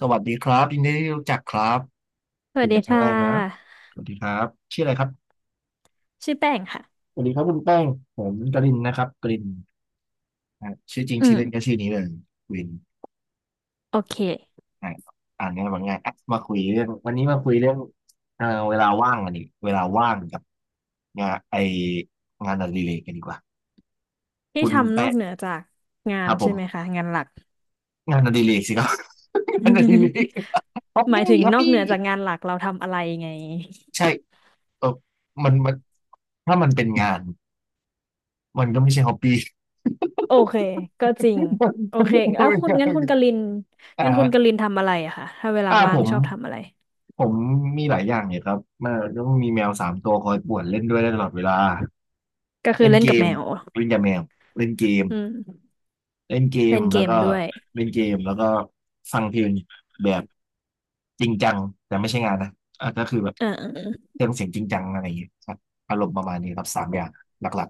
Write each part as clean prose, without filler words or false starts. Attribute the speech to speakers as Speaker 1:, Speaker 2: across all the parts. Speaker 1: สวัสดีครับยินดีที่รู้จักครับ
Speaker 2: ส
Speaker 1: คุ
Speaker 2: วั
Speaker 1: ย
Speaker 2: สดี
Speaker 1: กันครั้ง
Speaker 2: ค่
Speaker 1: แรกนะ
Speaker 2: ะ
Speaker 1: สวัสดีครับชื่ออะไรครับ
Speaker 2: ชื่อแป้งค่ะ
Speaker 1: สวัสดีครับคุณแป้งผมกรินนะครับกรินอ่ะชื่อจริง
Speaker 2: อื
Speaker 1: ชื่อเล่นก็
Speaker 2: ม
Speaker 1: ชื่อนี้เลยกริน
Speaker 2: โอเค
Speaker 1: อ่ะอ่านง่าบบาง่ายอ่ะมาคุยเรื่องวันนี้มาคุยเรื่องเวลาว่างกันดิเวลาว่างกับงานไองานอดิเรกกันดีกว่า
Speaker 2: ที่
Speaker 1: คุณ
Speaker 2: ทำน
Speaker 1: แป้
Speaker 2: อก
Speaker 1: ง
Speaker 2: เหนือจากงา
Speaker 1: ค
Speaker 2: น
Speaker 1: รับผ
Speaker 2: ใช่ไหม
Speaker 1: ม
Speaker 2: คะงานหลัก
Speaker 1: งานอดิเรกสิครับ งานอดิเรก ฮอป
Speaker 2: หมา
Speaker 1: ปี้
Speaker 2: ยถึง
Speaker 1: ฮอป
Speaker 2: นอก
Speaker 1: ปี้
Speaker 2: เหนือจากงานหลักเราทำอะไรไง
Speaker 1: ใช่เออมันถ้ามันเป็นงานมันก็ไม่ใช่ฮอปปี้
Speaker 2: โอเคก็จริง โอ
Speaker 1: ไม่
Speaker 2: เคแล้วคุณงั้นคุณก
Speaker 1: ได้
Speaker 2: ลินงั้นคุณก
Speaker 1: อ่า
Speaker 2: ลินทำอะไรอะคะถ้าเวลา
Speaker 1: ผ
Speaker 2: ว่าง
Speaker 1: ม
Speaker 2: ชอบทำอะไร
Speaker 1: ผมมีหลายอย่างเนี่ยครับมันต้องมีแมวสามตัวคอยป่วนเล่นด้วยได้ตลอดเวลา
Speaker 2: ก็คือ
Speaker 1: เล่น
Speaker 2: เล่น
Speaker 1: เก
Speaker 2: กับ
Speaker 1: ม
Speaker 2: แมว
Speaker 1: เล่นกับแมวเล่นเกม
Speaker 2: อืม
Speaker 1: เล่นเกม
Speaker 2: เล่นเก
Speaker 1: แล้ว
Speaker 2: ม
Speaker 1: ก็
Speaker 2: ด้วย
Speaker 1: เล่นเกมแล้วก็ฟังเพลงแบบจริงจังแต่ไม่ใช่งานนะก็คือแบบ
Speaker 2: อ่า
Speaker 1: เครื่องเสียงจริงจังอะไรอย่างเงี้ยครับอารมณ์ประมาณนี้ครับสามอย่างหลัก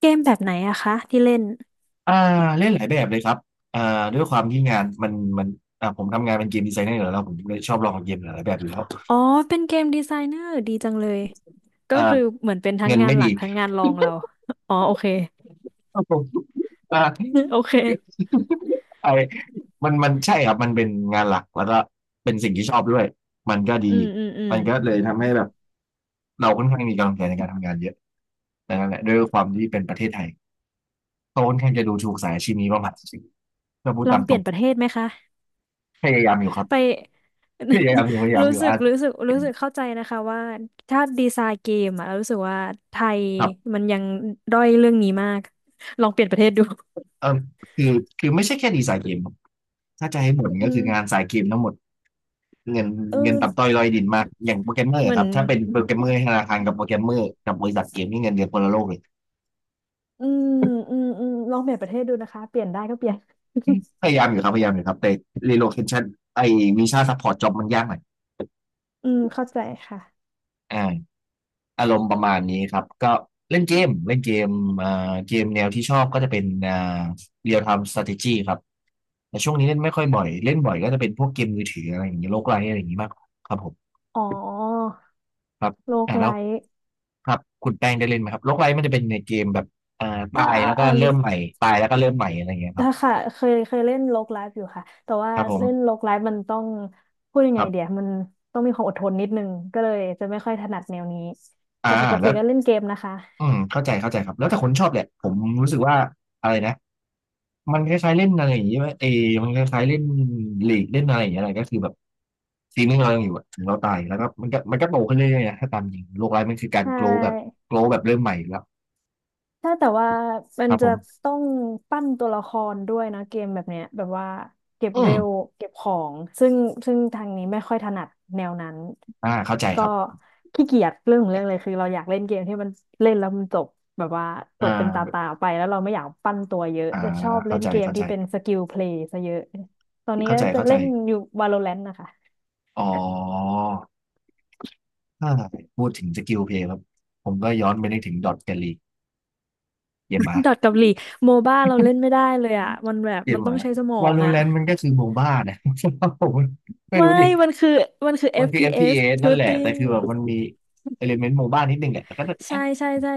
Speaker 2: เกมแบบไหนอะคะที่เล่น
Speaker 1: ๆเล่นหลายแบบเลยครับอ่าด้วยความที่งานมันผมทำงานเป็นเกมดีไซเนอร์อยู่แล้วผมเลยชอบลองเกมหลายๆแบบอยู่แล้ว
Speaker 2: อ๋อเป็นเกมดีไซเนอร์ดีจังเลยก็
Speaker 1: อ่า
Speaker 2: คือเหมือนเป็นทั้ง
Speaker 1: เงิน
Speaker 2: งา
Speaker 1: ไม่
Speaker 2: นห
Speaker 1: ดี
Speaker 2: ลักทั้งงานรองเรา อ๋อโอเค
Speaker 1: ก็ผมอ่า
Speaker 2: โอเค
Speaker 1: ไอมันใช่ครับ มันเป็นงานหลักแล้วก็เป็นสิ่งที่ชอบด้วย มันก็
Speaker 2: อื
Speaker 1: ดี
Speaker 2: มอืมอืม
Speaker 1: มันก็เลยทำให้แบบเราค่อนข้างมีกำลังใจในการทำงานเยอะแต่นั่นแหละด้วยความที่เป็นประเทศไทยเขาค่อนข้างจะดูถูกสายอาชีพนี้ประมาณสิก็พูด
Speaker 2: ลอ
Speaker 1: ตา
Speaker 2: ง
Speaker 1: ม
Speaker 2: เป
Speaker 1: ตร
Speaker 2: ลี่ย
Speaker 1: ง
Speaker 2: นประเทศไหมคะ
Speaker 1: พยายามอยู่ครั
Speaker 2: ไป
Speaker 1: บพยายามอยู่พยา ยาม
Speaker 2: รู้
Speaker 1: อยู่
Speaker 2: สึก
Speaker 1: อ่ะ
Speaker 2: รู้สึกรู้สึกเข้าใจนะคะว่าถ้าดีไซน์เกมอะเรารู้สึกว่าไทย
Speaker 1: ครับ
Speaker 2: มันยังด้อยเรื่องนี้มากลองเปลี่ยนประเทศดู
Speaker 1: เออคือคือไม่ใช่แค่ดีไซน์เกมครับถ้าจะให้บ่น
Speaker 2: อื
Speaker 1: ก็คื
Speaker 2: ม
Speaker 1: องานสายเกมทั้งหมด เงิน
Speaker 2: เอ
Speaker 1: ต่ำต้อ
Speaker 2: อ
Speaker 1: ยลอยดินมากอย่างโปรแกรมเมอร์
Speaker 2: เหมื
Speaker 1: ค
Speaker 2: อน
Speaker 1: รับถ้าเป็นโปรแกรมเมอร์ธนาคารกับโปรแกรมเมอร์กับบริษัทเกมนี่เงินเดือนคนละโลกเลย
Speaker 2: อืมอืมอืมลองเปลี่ยนประเทศดูนะคะเปลี่ยนได้ก็เปลี่ยน
Speaker 1: พยายามอยู่ครับพยายามอยู่ครับแต่ relocation ไอ้วีซ่าซัพพอร์ตจ็อบมันยากหน่อย
Speaker 2: อืมเข้าใจค่ะ
Speaker 1: อ่าอารมณ์ประมาณนี้ครับก็เล่นเกมเล่นเกมอ่าเกมแนวที่ชอบก็จะเป็นreal time strategy ครับแต่ช่วงนี้เล่นไม่ค่อยบ่อยเล่นบ่อยก็จะเป็นพวกเกมมือถืออะไรอย่างเงี้ยโลกไลท์อะไรอย่างงี้มากกว่าครับผม
Speaker 2: อ๋อ
Speaker 1: ครับ
Speaker 2: โลก
Speaker 1: อ่า
Speaker 2: ไล
Speaker 1: แล้ว
Speaker 2: ท์
Speaker 1: ครับคุณแป้งได้เล่นไหมครับโลกไลท์มันจะเป็นในเกมแบบอ่าตาย
Speaker 2: อ่า
Speaker 1: แล้วก็
Speaker 2: อ่าหรอ
Speaker 1: เริ่มใหม่ตายแล้วก็เริ่มใหม่อะไรอย่างเงี้ยครับ
Speaker 2: ถ้าค่ะเคยเล่นโลกไลฟ์อยู่ค่ะ แต่ว่า
Speaker 1: ครับผ
Speaker 2: เล่น
Speaker 1: ม
Speaker 2: โลกไลฟ์มันต้องพูดยั
Speaker 1: ค
Speaker 2: งไง
Speaker 1: รั
Speaker 2: เดี๋ย
Speaker 1: บ
Speaker 2: วมันต้องมีความอดทนนิดนึงก็เลยจะไม่ค่อยถนัดแนวนี้
Speaker 1: อ่า
Speaker 2: แต่ปกติ
Speaker 1: แล้ว
Speaker 2: ก็เล่นเกมนะคะ
Speaker 1: อืมเข้าใจเข้าใจครับแล้วแต่คนชอบแหละผมรู้สึกว่าอะไรนะมันคล้ายๆเล่นอะไรอย่างเงี้ยเออมันคล้ายๆเล่นลีกเล่นอะไรอย่างเงี้ยอะไรก็คือแบบซีนงเรายังอยู่อะถึงเราตายแล้วก็มันก็โตขึ้นเรื่อยๆนะถ้าตามจริงโลกไร้ายมันคือการ
Speaker 2: ใช
Speaker 1: โกลแบบ
Speaker 2: ่
Speaker 1: โกลแบบเริ่มใหม่อยู่แล้ว
Speaker 2: ถ้าแต่ว่ามั
Speaker 1: ค
Speaker 2: น
Speaker 1: รับผ
Speaker 2: จะ
Speaker 1: ม
Speaker 2: ต้องปั้นตัวละครด้วยนะเกมแบบเนี้ยแบบว่าเก็บ
Speaker 1: อื
Speaker 2: เว
Speaker 1: ม
Speaker 2: ลเก็บของซึ่งทางนี้ไม่ค่อยถนัดแนวนั้น
Speaker 1: เข้าใจค
Speaker 2: ก็
Speaker 1: รับ
Speaker 2: ขี้เกียจเรื่องของเรื่องเลยคือเราอยากเล่นเกมที่มันเล่นแล้วมันจบแบบว่าจ
Speaker 1: อ่
Speaker 2: บเป็นตาตา
Speaker 1: า
Speaker 2: ไปแล้วเราไม่อยากปั้นตัวเยอะ
Speaker 1: อ่า
Speaker 2: จะชอบเล่
Speaker 1: เข้า
Speaker 2: น
Speaker 1: ใจ
Speaker 2: เกม
Speaker 1: เข้าใจ
Speaker 2: ที่เป็นสกิลเพลย์ซะเยอะตอนนี้
Speaker 1: เข้า
Speaker 2: ก็
Speaker 1: ใจ
Speaker 2: จะ
Speaker 1: เข้าใจ
Speaker 2: เล่นอยู่ Valorant นะคะ
Speaker 1: อ๋อถ้าพูดถึงสกิลเพลย์ครับ ผมก็ย้อนไปนึกถึงดอทแกลลีเกมหมา
Speaker 2: ดอทกับลีโมบ้าเราเล่นไม่ได้เลยอ่ะมันแบบ
Speaker 1: เก
Speaker 2: มั
Speaker 1: ม
Speaker 2: น
Speaker 1: ห
Speaker 2: ต้อ
Speaker 1: มา
Speaker 2: งใช้สมอ
Speaker 1: วา
Speaker 2: ง
Speaker 1: โล
Speaker 2: อ่ะ
Speaker 1: แรนต์มันก็คือโมบ้านะ ผมไม่
Speaker 2: ไม่
Speaker 1: รู้ดิ
Speaker 2: มันคือมันคือ
Speaker 1: มันคือเ p
Speaker 2: FPS
Speaker 1: สนั่นแหละ แต่
Speaker 2: shooting
Speaker 1: คือแบบมันมีเอลิเมนต์โมบ้านิดนึงแหละแต่ก็จะ
Speaker 2: ใช่
Speaker 1: แอ๊ะ
Speaker 2: ใช่ใช่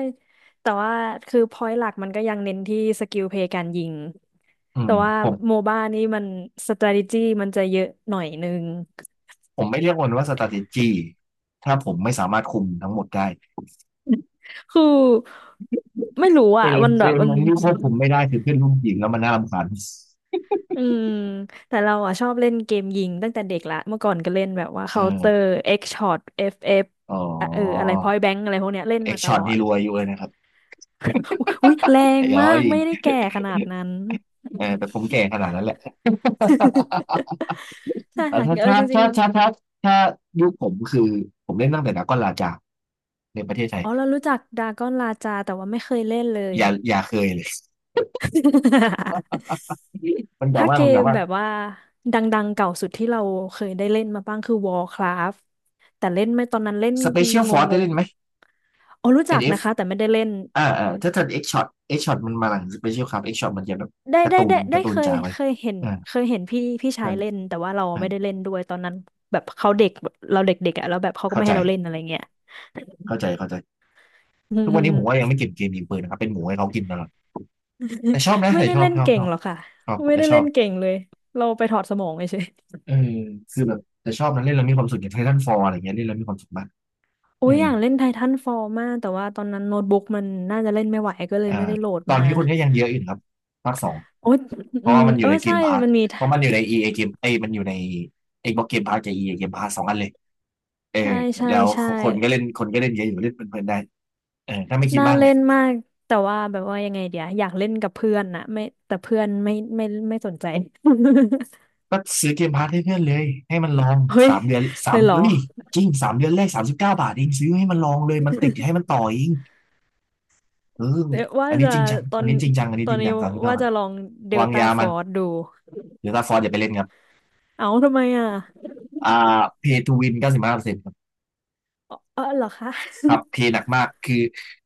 Speaker 2: แต่ว่าคือ point หลักมันก็ยังเน้นที่สกิลเพลย์การยิง
Speaker 1: อื
Speaker 2: แต่
Speaker 1: ม
Speaker 2: ว่า
Speaker 1: ผม
Speaker 2: โมบ้านี่มัน strategy มันจะเยอะหน่อยนึง
Speaker 1: ผมไม่เรียกมันว่า strategy ถ้าผมไม่สามารถคุมทั้งหมดได้
Speaker 2: คือไม่รู้
Speaker 1: เอ
Speaker 2: อ่ะ
Speaker 1: ลิ
Speaker 2: มันแบบมั
Speaker 1: เม
Speaker 2: น
Speaker 1: นต์ที่ควบคุมไม่ได้คือเพื่อนร่วมทีมแล้วมันน่ารำคาญ
Speaker 2: อืมแต่เราอ่ะชอบเล่นเกมยิงตั้งแต่เด็กละ เมื่อก่อนก็เล่นแบบว่า
Speaker 1: เอ
Speaker 2: Counter
Speaker 1: อ
Speaker 2: X Shot FF อฟเอฟ
Speaker 1: อ๋อ
Speaker 2: อ่ะเอออะไร Point Blank อะไรพวกเนี้ยเล่น
Speaker 1: เอ็ก
Speaker 2: มาต
Speaker 1: ช็อ
Speaker 2: ล
Speaker 1: ต
Speaker 2: อ
Speaker 1: นี่
Speaker 2: ด
Speaker 1: รวยอยู่เลยนะครับ
Speaker 2: อุ้ยแรง
Speaker 1: เดี๋ย
Speaker 2: มา
Speaker 1: ว
Speaker 2: กไม่ได้แก่ขนาดนั้น
Speaker 1: เออแต่ผมแก่ขนาดนั้นแหละ
Speaker 2: ใช่
Speaker 1: แต่
Speaker 2: ค่ะ
Speaker 1: ถ้า
Speaker 2: เออ
Speaker 1: ถ้า
Speaker 2: จริง
Speaker 1: ถ้าถ้าถ้าถ้ายุคผมคือผมเล่นตั้งแต่ดราก้อนลาจาในประเทศไท
Speaker 2: ๆ
Speaker 1: ย
Speaker 2: อ๋อเรารู้จักดากอนลาจาแต่ว่าไม่เคยเล่นเลย
Speaker 1: อย่าอย่าเคยเลย มันกล่าว
Speaker 2: ถ้า
Speaker 1: ว่า
Speaker 2: เก
Speaker 1: มันก
Speaker 2: ม
Speaker 1: ล่าวว่า
Speaker 2: แบบว่าดังๆเก่าสุดที่เราเคยได้เล่นมาบ้างคือ Warcraft แต่เล่นไม่ตอนนั้นเล่น
Speaker 1: Special
Speaker 2: ง
Speaker 1: Force ได้
Speaker 2: ง
Speaker 1: เล่
Speaker 2: ๆ
Speaker 1: นไห
Speaker 2: อะ
Speaker 1: ม
Speaker 2: อ๋อรู้จัก
Speaker 1: NF อนเอฟ
Speaker 2: นะคะแต่ไม่ได้เล่น
Speaker 1: ถ้าทันเอกช็อตเอ็ก Shot มันมาหลัง Special ครับเอ็ก Shot มันจะแบบ
Speaker 2: ได้
Speaker 1: การ์
Speaker 2: ได้
Speaker 1: ตูน
Speaker 2: ได้ได้
Speaker 1: การ์ตู
Speaker 2: เค
Speaker 1: น
Speaker 2: ย
Speaker 1: จ๋าไป
Speaker 2: เคยเห็น
Speaker 1: อ่า
Speaker 2: เคยเห็นพี่ชา
Speaker 1: ใช่
Speaker 2: ยเล่นแต่ว่าเรา
Speaker 1: ใช่
Speaker 2: ไม่ได้เล่นด้วยตอนนั้นแบบเขาเด็กแบบเราเด็กๆอ่ะแล้วแบบเขาก็
Speaker 1: เข้า
Speaker 2: ไม่
Speaker 1: ใจ
Speaker 2: ให้เราเล่นอะไรเงี้ย
Speaker 1: เข้าใจเข้าใจทุกวันนี้ผมว่ายัง ไม่เก็บเกมยิงปืนนะครับเป็นหมูให้เขากินตลอดแต่ชอบนะ
Speaker 2: ไม่
Speaker 1: แต่
Speaker 2: ได้
Speaker 1: ชอบ
Speaker 2: เล่น
Speaker 1: ชอบ
Speaker 2: เก่
Speaker 1: ช
Speaker 2: ง
Speaker 1: อบ
Speaker 2: หรอกค่ะ
Speaker 1: ชอบ
Speaker 2: ไม่
Speaker 1: แต่
Speaker 2: ได้
Speaker 1: ชอ
Speaker 2: เล่
Speaker 1: บ
Speaker 2: นเก่งเลยเราไปถอดสมองเฉย
Speaker 1: เออคือแบบแต่ชอบนะเล่นแล้วมีความสุขอย่างไททันฟอลอะไรเงี้ยเล่นแล้วมีความสุขมาก
Speaker 2: ๆโอ้
Speaker 1: เออ
Speaker 2: ยอยากเล่นไททันฟอลมากแต่ว่าตอนนั้นโน้ตบุ๊กมันน่าจะเล่นไม่ไหวก็เลย
Speaker 1: อ่า
Speaker 2: ไม่ได้โหลด
Speaker 1: ตอน
Speaker 2: มา
Speaker 1: นี้คนก็ยังเยอะอยู่นะครับภาคสอง
Speaker 2: โอ้ย
Speaker 1: เพ
Speaker 2: อื
Speaker 1: ราะว่า
Speaker 2: ม
Speaker 1: มันอ
Speaker 2: เอ
Speaker 1: ยู่
Speaker 2: อ
Speaker 1: ในเก
Speaker 2: ใช่
Speaker 1: มพาส
Speaker 2: มันมี
Speaker 1: เพราะมันอยู่ใน EA เอเกมเอ้ยมันอยู่ใน Xbox Game Pass กับอีเ a Game Pass สองอันเลยเออ
Speaker 2: ใช่ใช่
Speaker 1: แล้ว
Speaker 2: ใช่
Speaker 1: คนก็เล่นเยอะอยู่เล่นเพลินๆได้เออถ้าไม่คิด
Speaker 2: น่า
Speaker 1: มาก
Speaker 2: เล่
Speaker 1: เนี่ย
Speaker 2: นมากแต่ว่าแบบว่ายังไงเดี๋ยวอยากเล่นกับเพื่อนนะไม่แต่เพื่อนไม่สนใจ
Speaker 1: ก็ซื้อเกมพาสให้เพื่อนเลยให้มันลอง
Speaker 2: เฮ้ย
Speaker 1: สามเดือนสา
Speaker 2: เล
Speaker 1: ม
Speaker 2: ยเหรอ
Speaker 1: เอ้ยจริง3 เดือนแรก 39 บาทเองซื้อให้มันลองเลยมันติดให้มัน ต่อเองเออ
Speaker 2: เดี๋ยว ว่า
Speaker 1: อันนี้
Speaker 2: จะ
Speaker 1: จริงจัง
Speaker 2: ตอนตอนนี้
Speaker 1: สามสิบเก้า
Speaker 2: ว่า
Speaker 1: บาท
Speaker 2: จะลองเดล
Speaker 1: วาง
Speaker 2: ต้า
Speaker 1: ยา
Speaker 2: ฟ
Speaker 1: มั
Speaker 2: อ
Speaker 1: น
Speaker 2: ร์สดู
Speaker 1: หรือถ้าฟอร์สอย่าไปเล่นครับ
Speaker 2: เอาทำไมอ่ะ
Speaker 1: อ่าเพย์ทูวิน95%ครับ
Speaker 2: เออเหรอคะ
Speaker 1: ครับเพย์ห นักมากคือ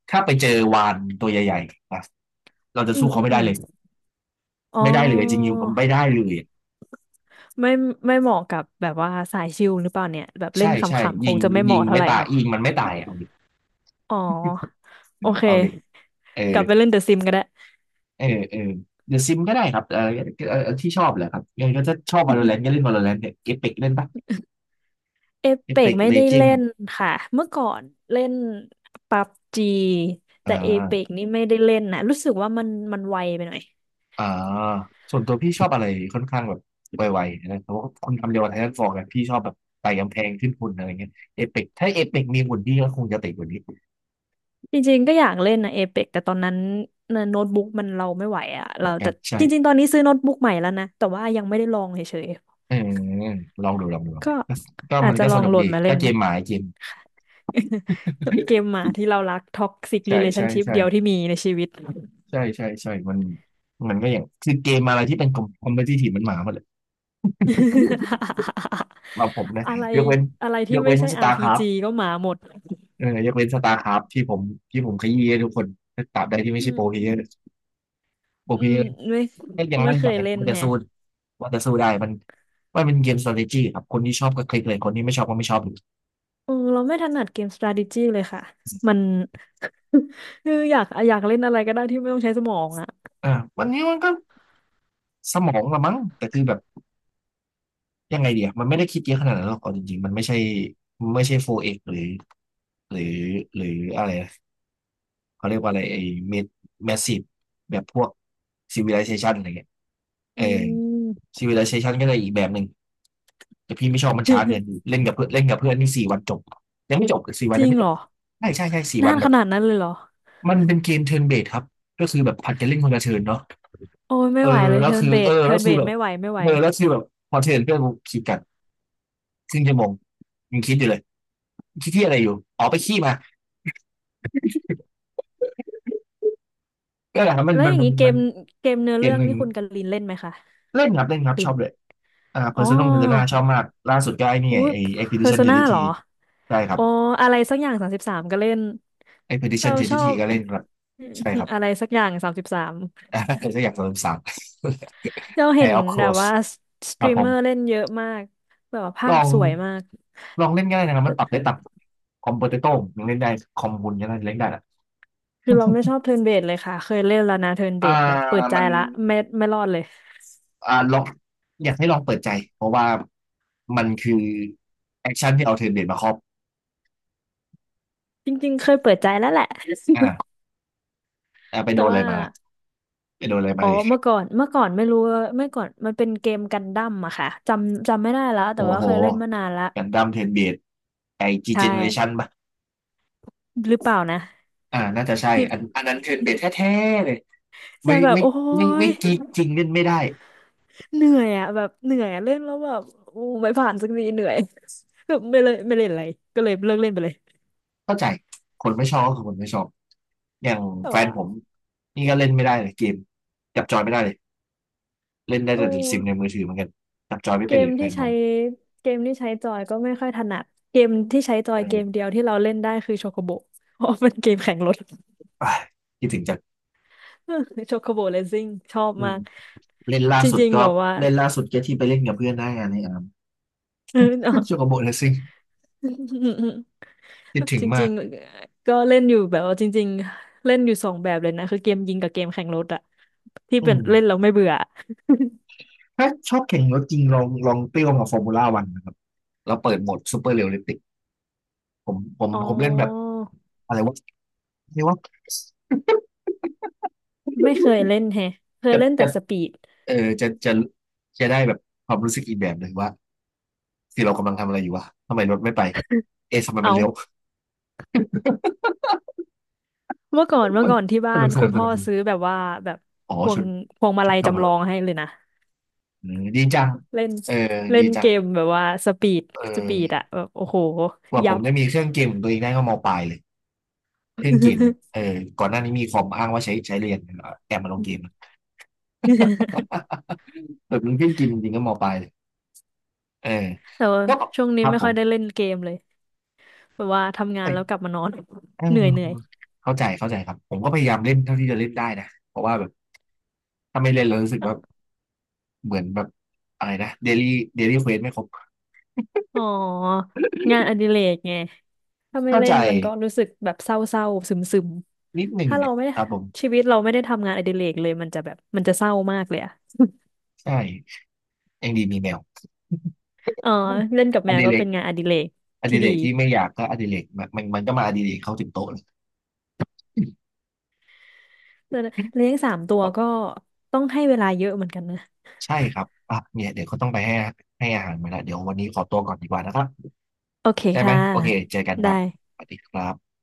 Speaker 1: ถ้าไปเจอวานตัวใหญ่ๆนะเราจะ
Speaker 2: อื
Speaker 1: สู้
Speaker 2: มอื
Speaker 1: เขา
Speaker 2: ม
Speaker 1: ไม่
Speaker 2: อื
Speaker 1: ได้
Speaker 2: ม
Speaker 1: เลย
Speaker 2: อ๋อ
Speaker 1: ไม่ได้เลยจริงๆผมไม่ได้เลย
Speaker 2: ไม่ไม่เหมาะกับแบบว่าสายชิลหรือเปล่าเนี่ยแบบเล่
Speaker 1: ใช่
Speaker 2: นข
Speaker 1: ใช่
Speaker 2: ำๆค
Speaker 1: ยิ
Speaker 2: ง
Speaker 1: ง
Speaker 2: จะไม่เห
Speaker 1: ยิง
Speaker 2: มาะเท่า
Speaker 1: ไม่
Speaker 2: ไหร่
Speaker 1: ตาย
Speaker 2: เนาะ
Speaker 1: ยิงมันไม่ตาย เอาดิ
Speaker 2: อ๋อโอเค
Speaker 1: เอาดิเออ
Speaker 2: กลับไปเล่นเดอะซิมก็ได้
Speaker 1: เออเออเดอะซิมก็ได้ครับเออเออที่ชอบแหละครับยังไงก็จะชอบ Valorant ก็เล่น Valorant เนี่ย Apex เล่นปะ
Speaker 2: เอเปก
Speaker 1: Apex
Speaker 2: ไม่ได้เล่น
Speaker 1: Legends
Speaker 2: ค่ะเมื่อก่อนเล่นปับจี
Speaker 1: อ่
Speaker 2: แต่เอเป
Speaker 1: า
Speaker 2: กนี่ไม่ได้เล่นนะรู้สึกว่ามันไวไปหน่อย
Speaker 1: อ่าส่วนตัวพี่ชอบอะไรค่อนข้างแบบไวๆนะเพราะว่าคุณทำเดียวกับไททันฟอร์กับพี่ชอบแบบไต่กำแพงขึ้นหุ่นอะไรเงี้ยเอเปกถ้าเอเปกมีหุ่นพี่ก็คงจะติดกว่านี้
Speaker 2: จริงๆก็อยากเล่นนะเอเปกแต่ตอนนั้นน่ะโน้ตบุ๊กมันเราไม่ไหวอะ
Speaker 1: เหมื
Speaker 2: เรา
Speaker 1: อนกั
Speaker 2: แต่
Speaker 1: นใช่
Speaker 2: จริงๆตอนนี้ซื้อโน้ตบุ๊กใหม่แล้วนะแต่ว่ายังไม่ได้ลองเฉย
Speaker 1: เออลองดู
Speaker 2: ก็
Speaker 1: ก็ก็
Speaker 2: อาจจะ
Speaker 1: ก็
Speaker 2: ล
Speaker 1: ส
Speaker 2: อง
Speaker 1: นุก
Speaker 2: โหล
Speaker 1: ดี
Speaker 2: ดมาเล่
Speaker 1: ก็
Speaker 2: น
Speaker 1: เกมหมายเกม
Speaker 2: ค่ะ เกมหมาที่เรารักท็อกซิก
Speaker 1: ใช่
Speaker 2: รีเลชั่
Speaker 1: ใช่
Speaker 2: นชิพ
Speaker 1: ใช่
Speaker 2: เดียวที่มีในชีวิต
Speaker 1: ใช่ใช่ใช่มันก็อย่างคือเกมอะไรที่เป็นคอมเพทิทีฟมันหมาหมดเลย มาผมนะ
Speaker 2: อะไร
Speaker 1: ยกเว้น
Speaker 2: อะไร
Speaker 1: ย
Speaker 2: ที่
Speaker 1: ก
Speaker 2: ไม่
Speaker 1: เว้น
Speaker 2: ใช่
Speaker 1: สตาร์คราฟ
Speaker 2: RPG ก็หมาหมด
Speaker 1: เออยกเว้นสตาร์คราฟที่ผมขยี้ให้ทุกคนตราบใดที่ไม่
Speaker 2: อื
Speaker 1: ใช่โปรเพลเยอร์
Speaker 2: ม
Speaker 1: โปร
Speaker 2: อื
Speaker 1: เพลเย
Speaker 2: ม
Speaker 1: อร์
Speaker 2: ไม่
Speaker 1: ใหอยังมั่น
Speaker 2: เค
Speaker 1: ใจ
Speaker 2: ยเล่น
Speaker 1: ว่าจะ
Speaker 2: แฮะ
Speaker 1: สู้ได้มันมันเป็นเกม strategy ครับคนที่ชอบก็คลิกเลยคนที่ไม่ชอบก็ไม่ชอบเลย
Speaker 2: เออเราไม่ถนัดเกม strategy เลยค่ะมัน คืออยากเล่นอะไรก็ได้ที่ไม่ต้องใช้สมองอ่ะ
Speaker 1: อ่าวันนี้มันก็สมองละมั้งแต่คือแบบยังไงเดียมันไม่ได้คิดเยอะขนาดนั้นหรอกเอาจริงๆมันไม่ใช่4x หรือหรืออะไรนะเขาเรียกว่าอะไรไอ้เมดแมสซีฟแบบพวก civilization อะไรเงี้ยเอ
Speaker 2: อื
Speaker 1: อ
Speaker 2: ม
Speaker 1: civilization ก็เลยอีกแบบหนึ่งแต่พี่ไม่ชอบมันช้าเกิน เล่นกับเพื่อนเล่นกับเพื่อนนี่สี่วันจบยังไม่จบสี่วั
Speaker 2: จ
Speaker 1: น
Speaker 2: ริ
Speaker 1: ยัง
Speaker 2: ง
Speaker 1: ไม่
Speaker 2: เห
Speaker 1: จ
Speaker 2: ร
Speaker 1: บ
Speaker 2: อ
Speaker 1: ใช่ใช่ใช่สี่
Speaker 2: นา
Speaker 1: วัน
Speaker 2: น
Speaker 1: แบ
Speaker 2: ข
Speaker 1: บ
Speaker 2: นาดนั้นเลยเหรอ
Speaker 1: มันเป็นเกมเทิร์นเบสครับก็คือแบบผัดกันเล่นคนละเทิร์นเนาะ
Speaker 2: โอ้ย
Speaker 1: เอ
Speaker 2: ไม่
Speaker 1: อ
Speaker 2: ไหวเลย
Speaker 1: แล้ว
Speaker 2: เทิร์
Speaker 1: คื
Speaker 2: น
Speaker 1: อ
Speaker 2: เบ
Speaker 1: เออ
Speaker 2: สเทิ
Speaker 1: แล้ว
Speaker 2: ร์นเบ
Speaker 1: คือ
Speaker 2: ส
Speaker 1: แบบ
Speaker 2: ไม่ไหวไม่ไหว
Speaker 1: เออแล้วคือแบบพอเทิร์นเพื่อนกูคิดกันครึ่งชั่วโมงยังคิดอยู่เลยคิดที่อะไรอยู่อ๋อไปขี้มาก็แหละครับ
Speaker 2: แล้วอย่างนี้เก
Speaker 1: มัน
Speaker 2: มเนื้อ
Speaker 1: เก
Speaker 2: เรื่
Speaker 1: ม
Speaker 2: อง
Speaker 1: หนึ่ง
Speaker 2: นี่คุณกันลินเล่นไหมคะ
Speaker 1: เล่นครับ
Speaker 2: ลิ
Speaker 1: ชอ
Speaker 2: น
Speaker 1: บเลยอ่า
Speaker 2: อ๋อ
Speaker 1: Persona ชอบมากล่าสุดก็ไอ้นี่
Speaker 2: อุ้
Speaker 1: ไง
Speaker 2: ย
Speaker 1: ไอ้
Speaker 2: เพอร์
Speaker 1: Expedition
Speaker 2: โซนาเหรอ
Speaker 1: 33ได้ครั
Speaker 2: อ๋
Speaker 1: บ
Speaker 2: ออะไรสักอย่าง33ก็เล่น
Speaker 1: Expedition
Speaker 2: เราชอบ
Speaker 1: 33ก็เล่นครับใช่ครับ
Speaker 2: อะไรสักอย่าง33
Speaker 1: อ่าก็อยากสามสาม
Speaker 2: เรา
Speaker 1: ง
Speaker 2: เห็
Speaker 1: a
Speaker 2: น
Speaker 1: i r of c o
Speaker 2: แบ
Speaker 1: u r
Speaker 2: บ
Speaker 1: s
Speaker 2: ว่าส
Speaker 1: ค
Speaker 2: ต
Speaker 1: รั
Speaker 2: รี
Speaker 1: บ
Speaker 2: ม
Speaker 1: ผ
Speaker 2: เม
Speaker 1: ม
Speaker 2: อร์เล่นเยอะมากแบบว่า
Speaker 1: ล
Speaker 2: ภา
Speaker 1: อ
Speaker 2: พ
Speaker 1: ง
Speaker 2: สวยมาก
Speaker 1: ลองเล่นง่ายนะครับมันปรับได้ต่ำคอมโพเตโต้ยังเล่นได้คอมมูนยังเล่นได้ละ
Speaker 2: คือเราไม่ชอบเทิร์นเบสเลยค่ะเคยเล่นแล้วนะเทิร์นเบ
Speaker 1: อ่า
Speaker 2: สแบบเปิดใจ
Speaker 1: มัน
Speaker 2: ละไม่รอดเลย
Speaker 1: อ่าลองอยากให้ลองเปิดใจเพราะว่ามันคือแอคชั่นที่เอาเทรนเบดมาครอบ
Speaker 2: จริงๆเคยเปิดใจแล้วแหละ
Speaker 1: อ่าอ่าไป
Speaker 2: แต่
Speaker 1: โดนอะไร
Speaker 2: ว่า
Speaker 1: มาไปโดนอะไรมา
Speaker 2: อ๋อ
Speaker 1: เลย
Speaker 2: เมื่อก่อนไม่รู้ว่าเมื่อก่อนมันเป็นเกมกันดั้มอะค่ะจำไม่ได้แล้วแต่
Speaker 1: โอ้
Speaker 2: ว่า
Speaker 1: โห
Speaker 2: เคยเล่นมานานละ
Speaker 1: กันดั้มเทรนเบดไอจี
Speaker 2: ใช่
Speaker 1: เจเนเรชันปะ
Speaker 2: หรือเปล่านะ
Speaker 1: อ่าน่าจะ ใช่
Speaker 2: ที่
Speaker 1: อันอันนั้นเทรนเบดแท้ๆเลย
Speaker 2: จะ
Speaker 1: ไม่
Speaker 2: แบบ
Speaker 1: ไม่
Speaker 2: โอ้
Speaker 1: ไม่
Speaker 2: ย
Speaker 1: กีจริงเล่นไม่ได้
Speaker 2: เหนื่อยอะแบบเหนื่อยอะเล่นแล้วแบบโอ้ไม่ผ่านสักทีเหนื่อย แบบไม่เลยไม่เล่นอะไรก็เลยเลิกเล่นไปเลย
Speaker 1: เข้าใจคนไม่ชอบก็คือคนไม่ชอบอย่าง
Speaker 2: แต่
Speaker 1: แฟน
Speaker 2: ว่า
Speaker 1: ผมนี่ก็เล่นไม่ได้เลยเกมจับจอยไม่ได้เลย เล่นได้
Speaker 2: โอ้
Speaker 1: แต่ซิมในมือถือเหมือนกันจับจอยไม่
Speaker 2: เก
Speaker 1: เป็น
Speaker 2: ม
Speaker 1: เลยแฟ
Speaker 2: ที่
Speaker 1: นผ
Speaker 2: ใช้
Speaker 1: ม
Speaker 2: เกมที่ใช้จอยก็ไม่ค่อยถนัดเกมที่ใช้จอ
Speaker 1: เอ
Speaker 2: ยเกม
Speaker 1: อ
Speaker 2: เดียวที่เราเล่นได้คือโชโคโบเพราะเป็นเกมแข่งรถ
Speaker 1: อ่ะคิดถึงจัด
Speaker 2: โชโคโบเรซิ่งชอบ
Speaker 1: อื
Speaker 2: มา
Speaker 1: ม
Speaker 2: ก
Speaker 1: เล่นล่า
Speaker 2: จ
Speaker 1: สุด
Speaker 2: ริง
Speaker 1: ก็
Speaker 2: ๆแบบว่า
Speaker 1: เล่นล่าสุดแค่ที่ไปเล่นกับเพื่อนหน้างานในอาร์ม
Speaker 2: เออเน
Speaker 1: โชโกโบเลสซิ่งคิด
Speaker 2: อะ
Speaker 1: ถึ ง
Speaker 2: จ
Speaker 1: มา
Speaker 2: ริ
Speaker 1: ก
Speaker 2: งๆก็เล่นอยู่แบบว่าจริงๆเล่นอยู่สองแบบเลยนะคือเกมยิงกับเกมแข่งรถอะที่
Speaker 1: อื
Speaker 2: เป็น
Speaker 1: ม
Speaker 2: เล่นแล้วไม่เบื่อ
Speaker 1: ถ้าชอบแข่งรถจริงลองเปรี้ยวกับฟอร์มูล่าวันนะครับแล้วเปิดโหมดซูเปอร์เรียลลิติก
Speaker 2: อ๋อ
Speaker 1: ผมเล่นแบบอะไรวะเรียกว่า
Speaker 2: ไม่เคยเล่นแฮะเค ย
Speaker 1: จะ
Speaker 2: เล่นแต่
Speaker 1: จะ
Speaker 2: สปีด
Speaker 1: เออจะได้แบบความรู้สึกอีกแบบหนึ่งว่าที่เรากำลังทำอะไรอยู่วะทำไมรถไม่ไปเอ๊ะทำไม
Speaker 2: เอ
Speaker 1: มันเลี้ยว
Speaker 2: าเมื่อก่อนที่
Speaker 1: ส
Speaker 2: บ้าน
Speaker 1: นุก
Speaker 2: คุณพ่อ
Speaker 1: สนุก
Speaker 2: ซื้อแบบว่าแบบ
Speaker 1: อ๋อ
Speaker 2: พว
Speaker 1: ชุ
Speaker 2: ง
Speaker 1: ด
Speaker 2: พวงมาลัยจำลอง
Speaker 1: ทำ
Speaker 2: ให้เลยนะ
Speaker 1: อืมดีจัง
Speaker 2: เล่น
Speaker 1: เออ
Speaker 2: เล่
Speaker 1: ดี
Speaker 2: น
Speaker 1: จั
Speaker 2: เก
Speaker 1: ง
Speaker 2: มแบบว่าสปีด
Speaker 1: เอ
Speaker 2: สปีด
Speaker 1: อ
Speaker 2: อะแบบโอ้โห
Speaker 1: กว่าผ
Speaker 2: ยั
Speaker 1: ม
Speaker 2: บ
Speaker 1: จะมีเครื่องเกมของตัวเองได้ก็มปลายเลยเครื่องเกมเออก่อนหน้านี้มีคอมอ้างว่าใช้เรียนเอาแอบมาลงเกม แบบมีเครื่องเกมจริงๆก็มปลายเลยเออ
Speaker 2: แต่ว่า
Speaker 1: ก็
Speaker 2: ช่วง
Speaker 1: ค
Speaker 2: นี้
Speaker 1: รับ
Speaker 2: ไม่
Speaker 1: ผ
Speaker 2: ค่อ
Speaker 1: ม
Speaker 2: ยได้เล่นเกมเลยแบบว่าทำงาน
Speaker 1: เอ้ย
Speaker 2: แล้วกลับมานอน
Speaker 1: เออ
Speaker 2: เหนื่อย
Speaker 1: เข้าใจครับผมก็พยายามเล่นเท่าที่จะเล่นได้นะเพราะว่าแบบถ้าไม่เล่นแล้วรู้สึกว่าเหมือนแบบอะไรนะเดลี่เดลี่เควสไม่ครบ
Speaker 2: อ๋องานอดิเรกไงถ้าไม่
Speaker 1: เข้า
Speaker 2: เล่
Speaker 1: ใจ
Speaker 2: นมันก็รู้สึกแบบเศร้าๆซึม
Speaker 1: นิดห
Speaker 2: ๆ
Speaker 1: นึ่ง
Speaker 2: ถ้าเรา
Speaker 1: เนี่ย
Speaker 2: ไม่ได้
Speaker 1: ครับผม
Speaker 2: ชีวิตเราไม่ได้ทำงานอดิเรกเลยมันจะแบบมันจะเศร้ามากเลยอะ
Speaker 1: ใช่ยังดีมีแมว
Speaker 2: เออเล่นกับ
Speaker 1: อ
Speaker 2: แมว
Speaker 1: ดิ
Speaker 2: ก็
Speaker 1: เร
Speaker 2: เป็
Speaker 1: ก
Speaker 2: นงานอดิเรก
Speaker 1: อ
Speaker 2: ที่
Speaker 1: ดิเร
Speaker 2: ดี
Speaker 1: กที่ไม่อยากก็อดิเรกมันมันมันก็มาอดิเรกเข้าถึงโต๊ะเลย
Speaker 2: แต่เลี้ยง3 ตัว
Speaker 1: ครับ
Speaker 2: ก็ต้องให้เวลาเยอะเหมือนกันนะ
Speaker 1: ใช่ครับอ่ะเนี่ยเดี๋ยวเขาต้องไปให้อาหารมาแล้วเดี๋ยววันนี้ขอตัวก่อนดีกว่านะครับ
Speaker 2: โอเค
Speaker 1: ได้ไหม
Speaker 2: ค่ะ
Speaker 1: โอเคเจอกันค
Speaker 2: ได้
Speaker 1: รับสวัสดีครับ